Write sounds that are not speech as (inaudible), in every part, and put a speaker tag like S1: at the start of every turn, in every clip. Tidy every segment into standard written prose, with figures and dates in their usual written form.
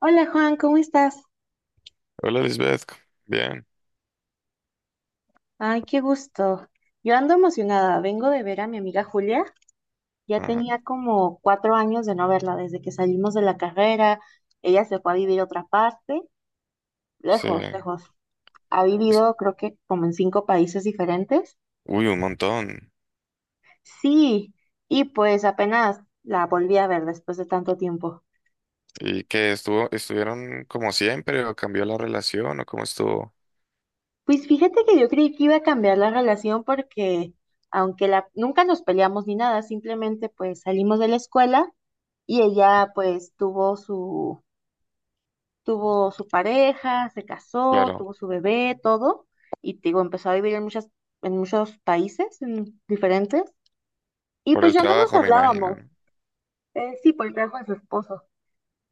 S1: Hola Juan, ¿cómo estás?
S2: Hola Lisbeth, bien.
S1: Ay, qué gusto. Yo ando emocionada. Vengo de ver a mi amiga Julia. Ya
S2: Ajá,
S1: tenía como 4 años de no verla desde que salimos de la carrera. Ella se fue a vivir a otra parte,
S2: sí.
S1: lejos, lejos. Ha
S2: Es-
S1: vivido creo que como en cinco países diferentes.
S2: Uy, un montón.
S1: Sí, y pues apenas la volví a ver después de tanto tiempo.
S2: ¿Y qué estuvo? ¿Estuvieron como siempre o cambió la relación o cómo estuvo?
S1: Pues fíjate que yo creí que iba a cambiar la relación porque nunca nos peleamos ni nada, simplemente pues salimos de la escuela. Y ella pues tuvo su pareja, se casó,
S2: Claro,
S1: tuvo su bebé, todo, y te digo, empezó a vivir en muchos países en diferentes, y
S2: por
S1: pues
S2: el
S1: ya no nos
S2: trabajo me imagino,
S1: hablábamos.
S2: ¿no?
S1: Sí, por el trabajo de su esposo,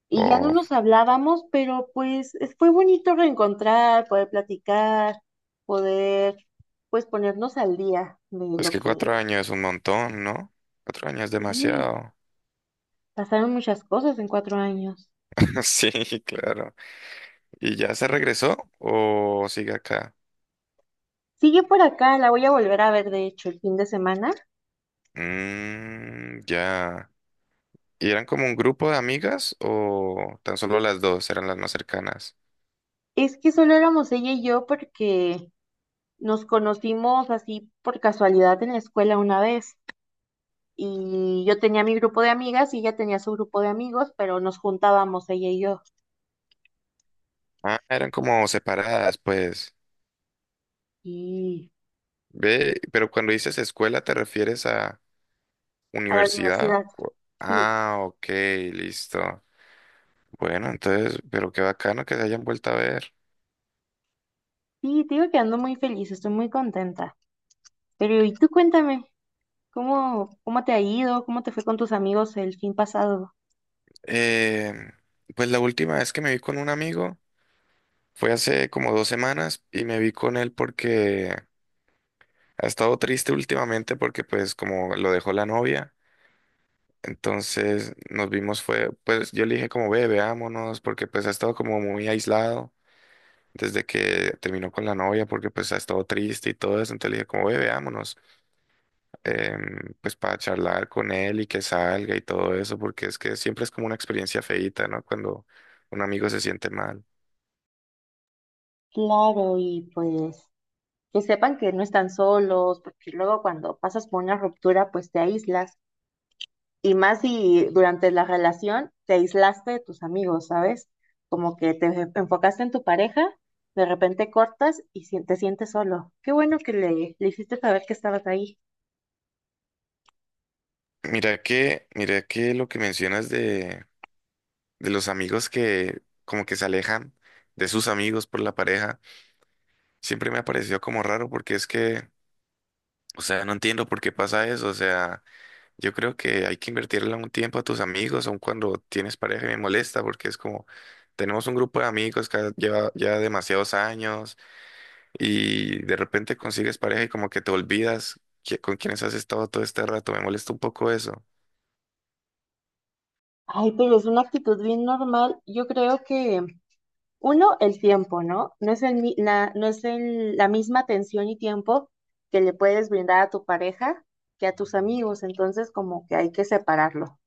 S1: y ya no
S2: O
S1: nos hablábamos, pero pues fue bonito reencontrar, poder platicar, poder pues ponernos al día de
S2: es
S1: lo
S2: que
S1: que
S2: 4 años es un montón, ¿no? 4 años es
S1: sí,
S2: demasiado.
S1: pasaron muchas cosas en 4 años.
S2: (laughs) Sí, claro. ¿Y ya se regresó o sigue acá?
S1: Sigue por acá, la voy a volver a ver de hecho el fin de semana.
S2: Mm, ya. ¿Y eran como un grupo de amigas o tan solo las dos eran las más cercanas?
S1: Es que solo éramos ella y yo porque nos conocimos así por casualidad en la escuela una vez. Y yo tenía mi grupo de amigas y ella tenía su grupo de amigos, pero nos juntábamos ella y yo.
S2: Ah, eran como separadas, pues.
S1: Y
S2: Ve, pero cuando dices escuela, ¿te refieres a
S1: a la
S2: universidad?
S1: universidad. Sí,
S2: Ah, ok, listo. Bueno, entonces, pero qué bacano que se hayan vuelto a ver.
S1: sí, te digo que ando muy feliz, estoy muy contenta. Pero y tú cuéntame, ¿Cómo te ha ido? ¿Cómo te fue con tus amigos el fin pasado?
S2: Eh, pues la última vez que me vi con un amigo fue hace como 2 semanas y me vi con él porque ha estado triste últimamente porque pues como lo dejó la novia. Entonces nos vimos fue, pues yo le dije como ve, veámonos porque pues ha estado como muy aislado desde que terminó con la novia porque pues ha estado triste y todo eso. Entonces le dije como, ve, veámonos, pues para charlar con él y que salga y todo eso, porque es que siempre es como una experiencia feíta, ¿no? Cuando un amigo se siente mal.
S1: Claro, y pues que sepan que no están solos, porque luego cuando pasas por una ruptura, pues te aíslas. Y más si durante la relación te aislaste de tus amigos, ¿sabes? Como que te enfocaste en tu pareja, de repente cortas y te sientes solo. Qué bueno que le hiciste saber que estabas ahí.
S2: Mira que lo que mencionas de los amigos que como que se alejan de sus amigos por la pareja, siempre me ha parecido como raro porque es que, o sea, no entiendo por qué pasa eso, o sea. Yo creo que hay que invertirle un tiempo a tus amigos, aun cuando tienes pareja, y me molesta porque es como, tenemos un grupo de amigos que lleva ya demasiados años y de repente consigues pareja y como que te olvidas con quienes has estado todo este rato, me molesta un poco eso.
S1: Ay, pero es una actitud bien normal. Yo creo que, uno, el tiempo, ¿no? No es el, mi- la, no es el- la misma atención y tiempo que le puedes brindar a tu pareja que a tus amigos. Entonces, como que hay que separarlo.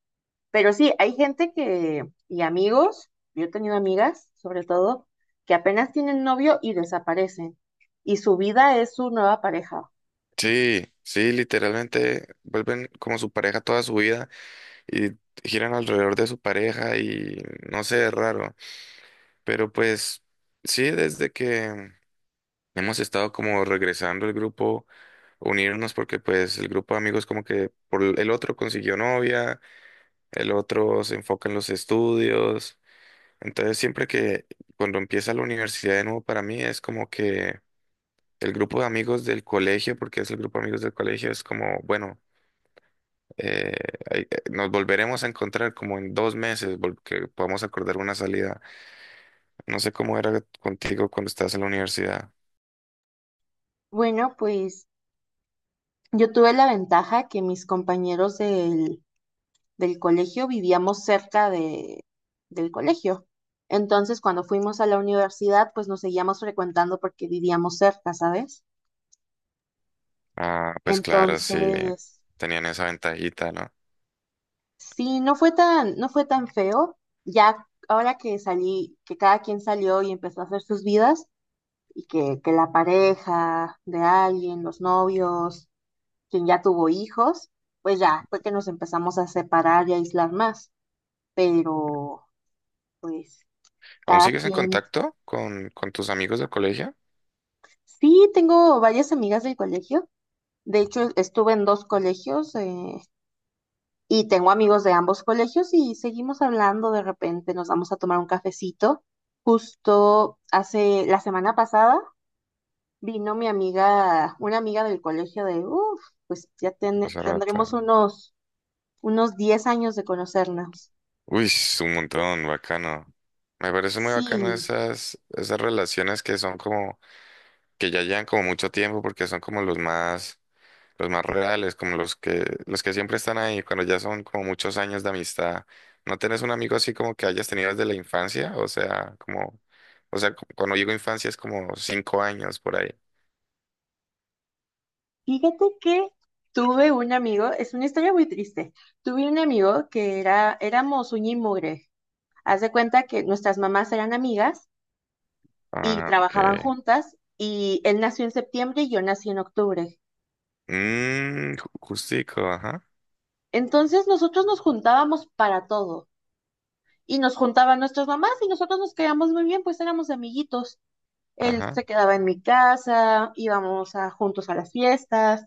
S1: Pero sí, hay gente que, y amigos, yo he tenido amigas, sobre todo, que apenas tienen novio y desaparecen. Y su vida es su nueva pareja.
S2: Sí, sí, literalmente vuelven como su pareja toda su vida y giran alrededor de su pareja y no sé, es raro, pero pues sí, desde que. Hemos estado como regresando el grupo, unirnos porque pues el grupo de amigos como que por el otro consiguió novia, el otro se enfoca en los estudios. Entonces siempre que cuando empieza la universidad de nuevo para mí es como que el grupo de amigos del colegio, porque es el grupo de amigos del colegio, es como, bueno, eh, nos volveremos a encontrar como en 2 meses porque podamos acordar una salida. No sé cómo era contigo cuando estás en la universidad.
S1: Bueno, pues yo tuve la ventaja que mis compañeros del colegio vivíamos cerca del colegio. Entonces, cuando fuimos a la universidad, pues nos seguíamos frecuentando porque vivíamos cerca, ¿sabes?
S2: Ah, pues claro, sí,
S1: Entonces,
S2: tenían esa ventajita, ¿no?
S1: sí, no fue tan feo. Ya ahora que salí, que cada quien salió y empezó a hacer sus vidas, y que la pareja de alguien, los novios, quien ya tuvo hijos, pues ya fue que nos empezamos a separar y a aislar más. Pero, pues,
S2: ¿Aún
S1: cada
S2: sigues en
S1: quien.
S2: contacto con tus amigos del colegio?
S1: Sí, tengo varias amigas del colegio. De hecho, estuve en dos colegios. Y tengo amigos de ambos colegios y seguimos hablando de repente, nos vamos a tomar un cafecito. Justo hace la semana pasada vino mi amiga, una amiga del colegio de, uff, pues ya ten-
S2: Hace rato.
S1: tendremos unos 10 años de conocernos.
S2: Uy, es un montón, bacano. Me parece muy bacano
S1: Sí,
S2: esas, esas relaciones que son como, que ya llevan como mucho tiempo porque son como los más reales, como los que siempre están ahí, cuando ya son como muchos años de amistad. ¿No tenés un amigo así como que hayas tenido desde la infancia? O sea, como, o sea, cuando digo infancia es como 5 años por ahí.
S1: fíjate que tuve un amigo, es una historia muy triste, tuve un amigo que era, éramos uña y mugre. Haz de cuenta que nuestras mamás eran amigas y
S2: Ah, ok.
S1: trabajaban juntas y él nació en septiembre y yo nací en octubre.
S2: Mm, justico, ajá,
S1: Entonces nosotros nos juntábamos para todo y nos juntaban nuestras mamás y nosotros nos quedamos muy bien, pues éramos amiguitos. Él
S2: ajá.
S1: se quedaba en mi casa, íbamos juntos a las fiestas,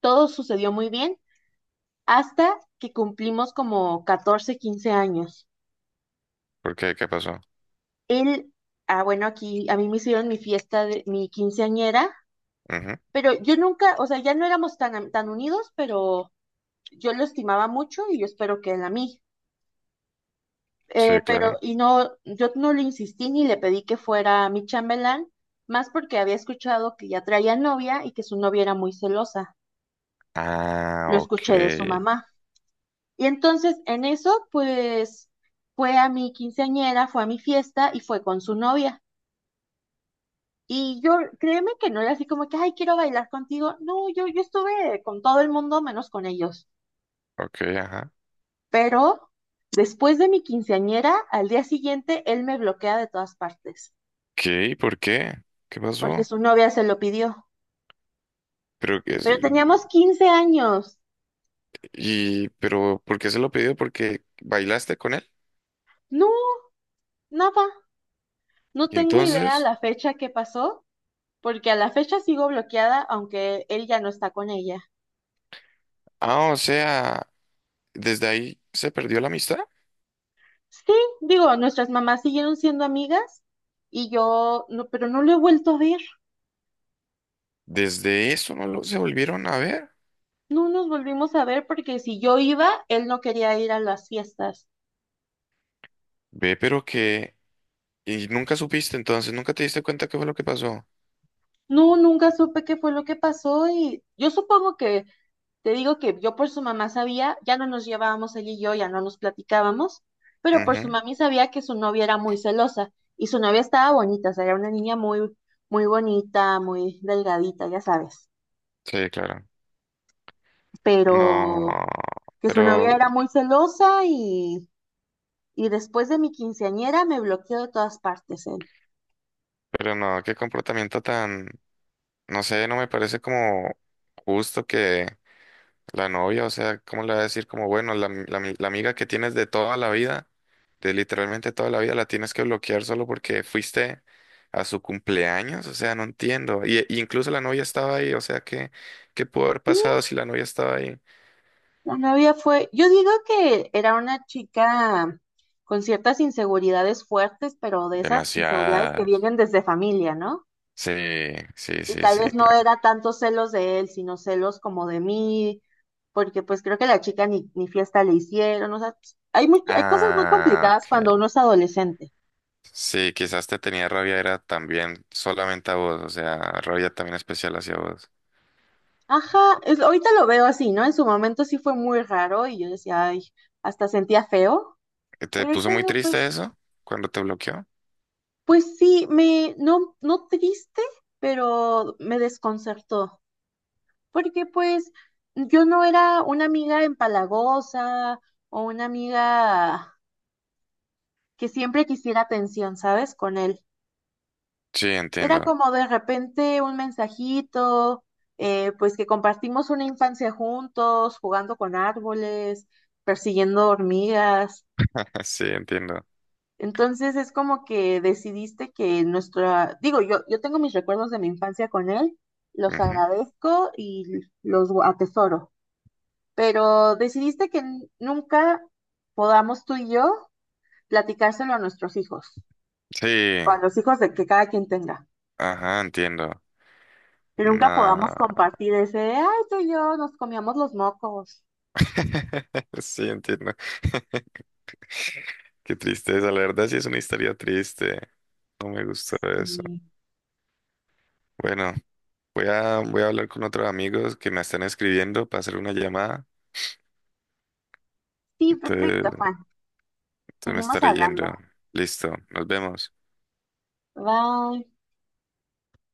S1: todo sucedió muy bien hasta que cumplimos como 14 15 años.
S2: ¿Por qué? ¿Qué pasó?
S1: Él, bueno, aquí a mí me hicieron mi fiesta de mi quinceañera,
S2: Ujú.
S1: pero yo nunca, o sea, ya no éramos tan unidos, pero yo lo estimaba mucho y yo espero que él a mí.
S2: Sí,
S1: Pero,
S2: claro.
S1: y no, yo no le insistí ni le pedí que fuera mi chambelán, más porque había escuchado que ya traía novia y que su novia era muy celosa.
S2: Ah,
S1: Lo
S2: ok,
S1: escuché de su mamá. Y entonces, en eso, pues, fue a mi quinceañera, fue a mi fiesta y fue con su novia. Y yo, créeme que no era así como que, ay, quiero bailar contigo. No, yo, estuve con todo el mundo menos con ellos.
S2: ok, ajá.
S1: Pero después de mi quinceañera, al día siguiente, él me bloquea de todas partes,
S2: ¿Qué? ¿Por qué? ¿Qué
S1: porque
S2: pasó?
S1: su novia se lo pidió.
S2: Pero que es,
S1: Pero teníamos 15 años.
S2: y pero ¿por qué se lo pidió? Porque bailaste con él.
S1: No, nada. No
S2: Y
S1: tengo idea
S2: entonces,
S1: la fecha que pasó, porque a la fecha sigo bloqueada, aunque él ya no está con ella.
S2: ah, o sea, desde ahí se perdió la amistad.
S1: Sí, digo, nuestras mamás siguieron siendo amigas y yo, no, pero no lo he vuelto a ver.
S2: Desde eso no lo se volvieron a ver.
S1: No nos volvimos a ver porque si yo iba, él no quería ir a las fiestas.
S2: Ve, pero que, y nunca supiste entonces, nunca te diste cuenta qué fue lo que pasó.
S1: No, nunca supe qué fue lo que pasó y yo supongo que, te digo que yo por su mamá sabía, ya no nos llevábamos él y yo, ya no nos platicábamos, pero por su
S2: Ujú.
S1: mami sabía que su novia era muy celosa y su novia estaba bonita, o sea, era una niña muy, muy bonita, muy delgadita, ya sabes,
S2: Sí, claro.
S1: pero
S2: No,
S1: que su
S2: pero.
S1: novia era muy celosa y después de mi quinceañera me bloqueó de todas partes él.
S2: Pero no, qué comportamiento tan, no sé, no me parece como justo que la novia, o sea, ¿cómo le va a decir como, bueno, la, la amiga que tienes de toda la vida, de literalmente toda la vida, la tienes que bloquear solo porque fuiste a su cumpleaños? O sea, no entiendo. Y incluso la novia estaba ahí, o sea, ¿qué, qué pudo haber pasado si la novia estaba ahí?
S1: La novia fue, yo digo que era una chica con ciertas inseguridades fuertes, pero de esas inseguridades que
S2: Demasiadas.
S1: vienen desde familia, ¿no?
S2: Sí, sí,
S1: Y
S2: sí,
S1: tal
S2: sí,
S1: vez no
S2: claro.
S1: era tantos celos de él, sino celos como de mí, porque pues creo que la chica ni, ni fiesta le hicieron, o sea, pues, hay cosas muy
S2: Ah,
S1: complicadas
S2: ok.
S1: cuando uno es adolescente.
S2: Sí, quizás te tenía rabia, era también solamente a vos, o sea, rabia también especial hacia vos.
S1: Ajá, ahorita lo veo así, ¿no? En su momento sí fue muy raro y yo decía, ay, hasta sentía feo,
S2: ¿Te
S1: pero
S2: puso
S1: ahorita
S2: muy
S1: digo,
S2: triste
S1: pues
S2: eso cuando te bloqueó?
S1: Pues sí, no, no triste, pero me desconcertó, porque pues yo no era una amiga empalagosa o una amiga que siempre quisiera atención, ¿sabes? Con él.
S2: Sí,
S1: Era
S2: entiendo.
S1: como de repente un mensajito, pues que compartimos una infancia juntos, jugando con árboles, persiguiendo hormigas.
S2: (laughs) Sí, entiendo.
S1: Entonces es como que decidiste que digo, yo tengo mis recuerdos de mi infancia con él, los
S2: Ujú.
S1: agradezco y los atesoro, pero decidiste que nunca podamos tú y yo platicárselo a nuestros hijos,
S2: Sí,
S1: o a los hijos de que cada quien tenga,
S2: ajá, entiendo.
S1: que nunca podamos
S2: No.
S1: compartir ese, ay, tú y yo nos comíamos los mocos.
S2: (laughs) Sí, entiendo. (laughs) Qué tristeza, la verdad sí es una historia triste. No me gustó eso.
S1: Y-
S2: Bueno, voy a, voy a hablar con otros amigos que me están escribiendo para hacer una llamada.
S1: Sí,
S2: Entonces,
S1: perfecto, Juan.
S2: entonces me
S1: Seguimos
S2: estaré yendo.
S1: hablando.
S2: Listo, nos vemos.
S1: Bye.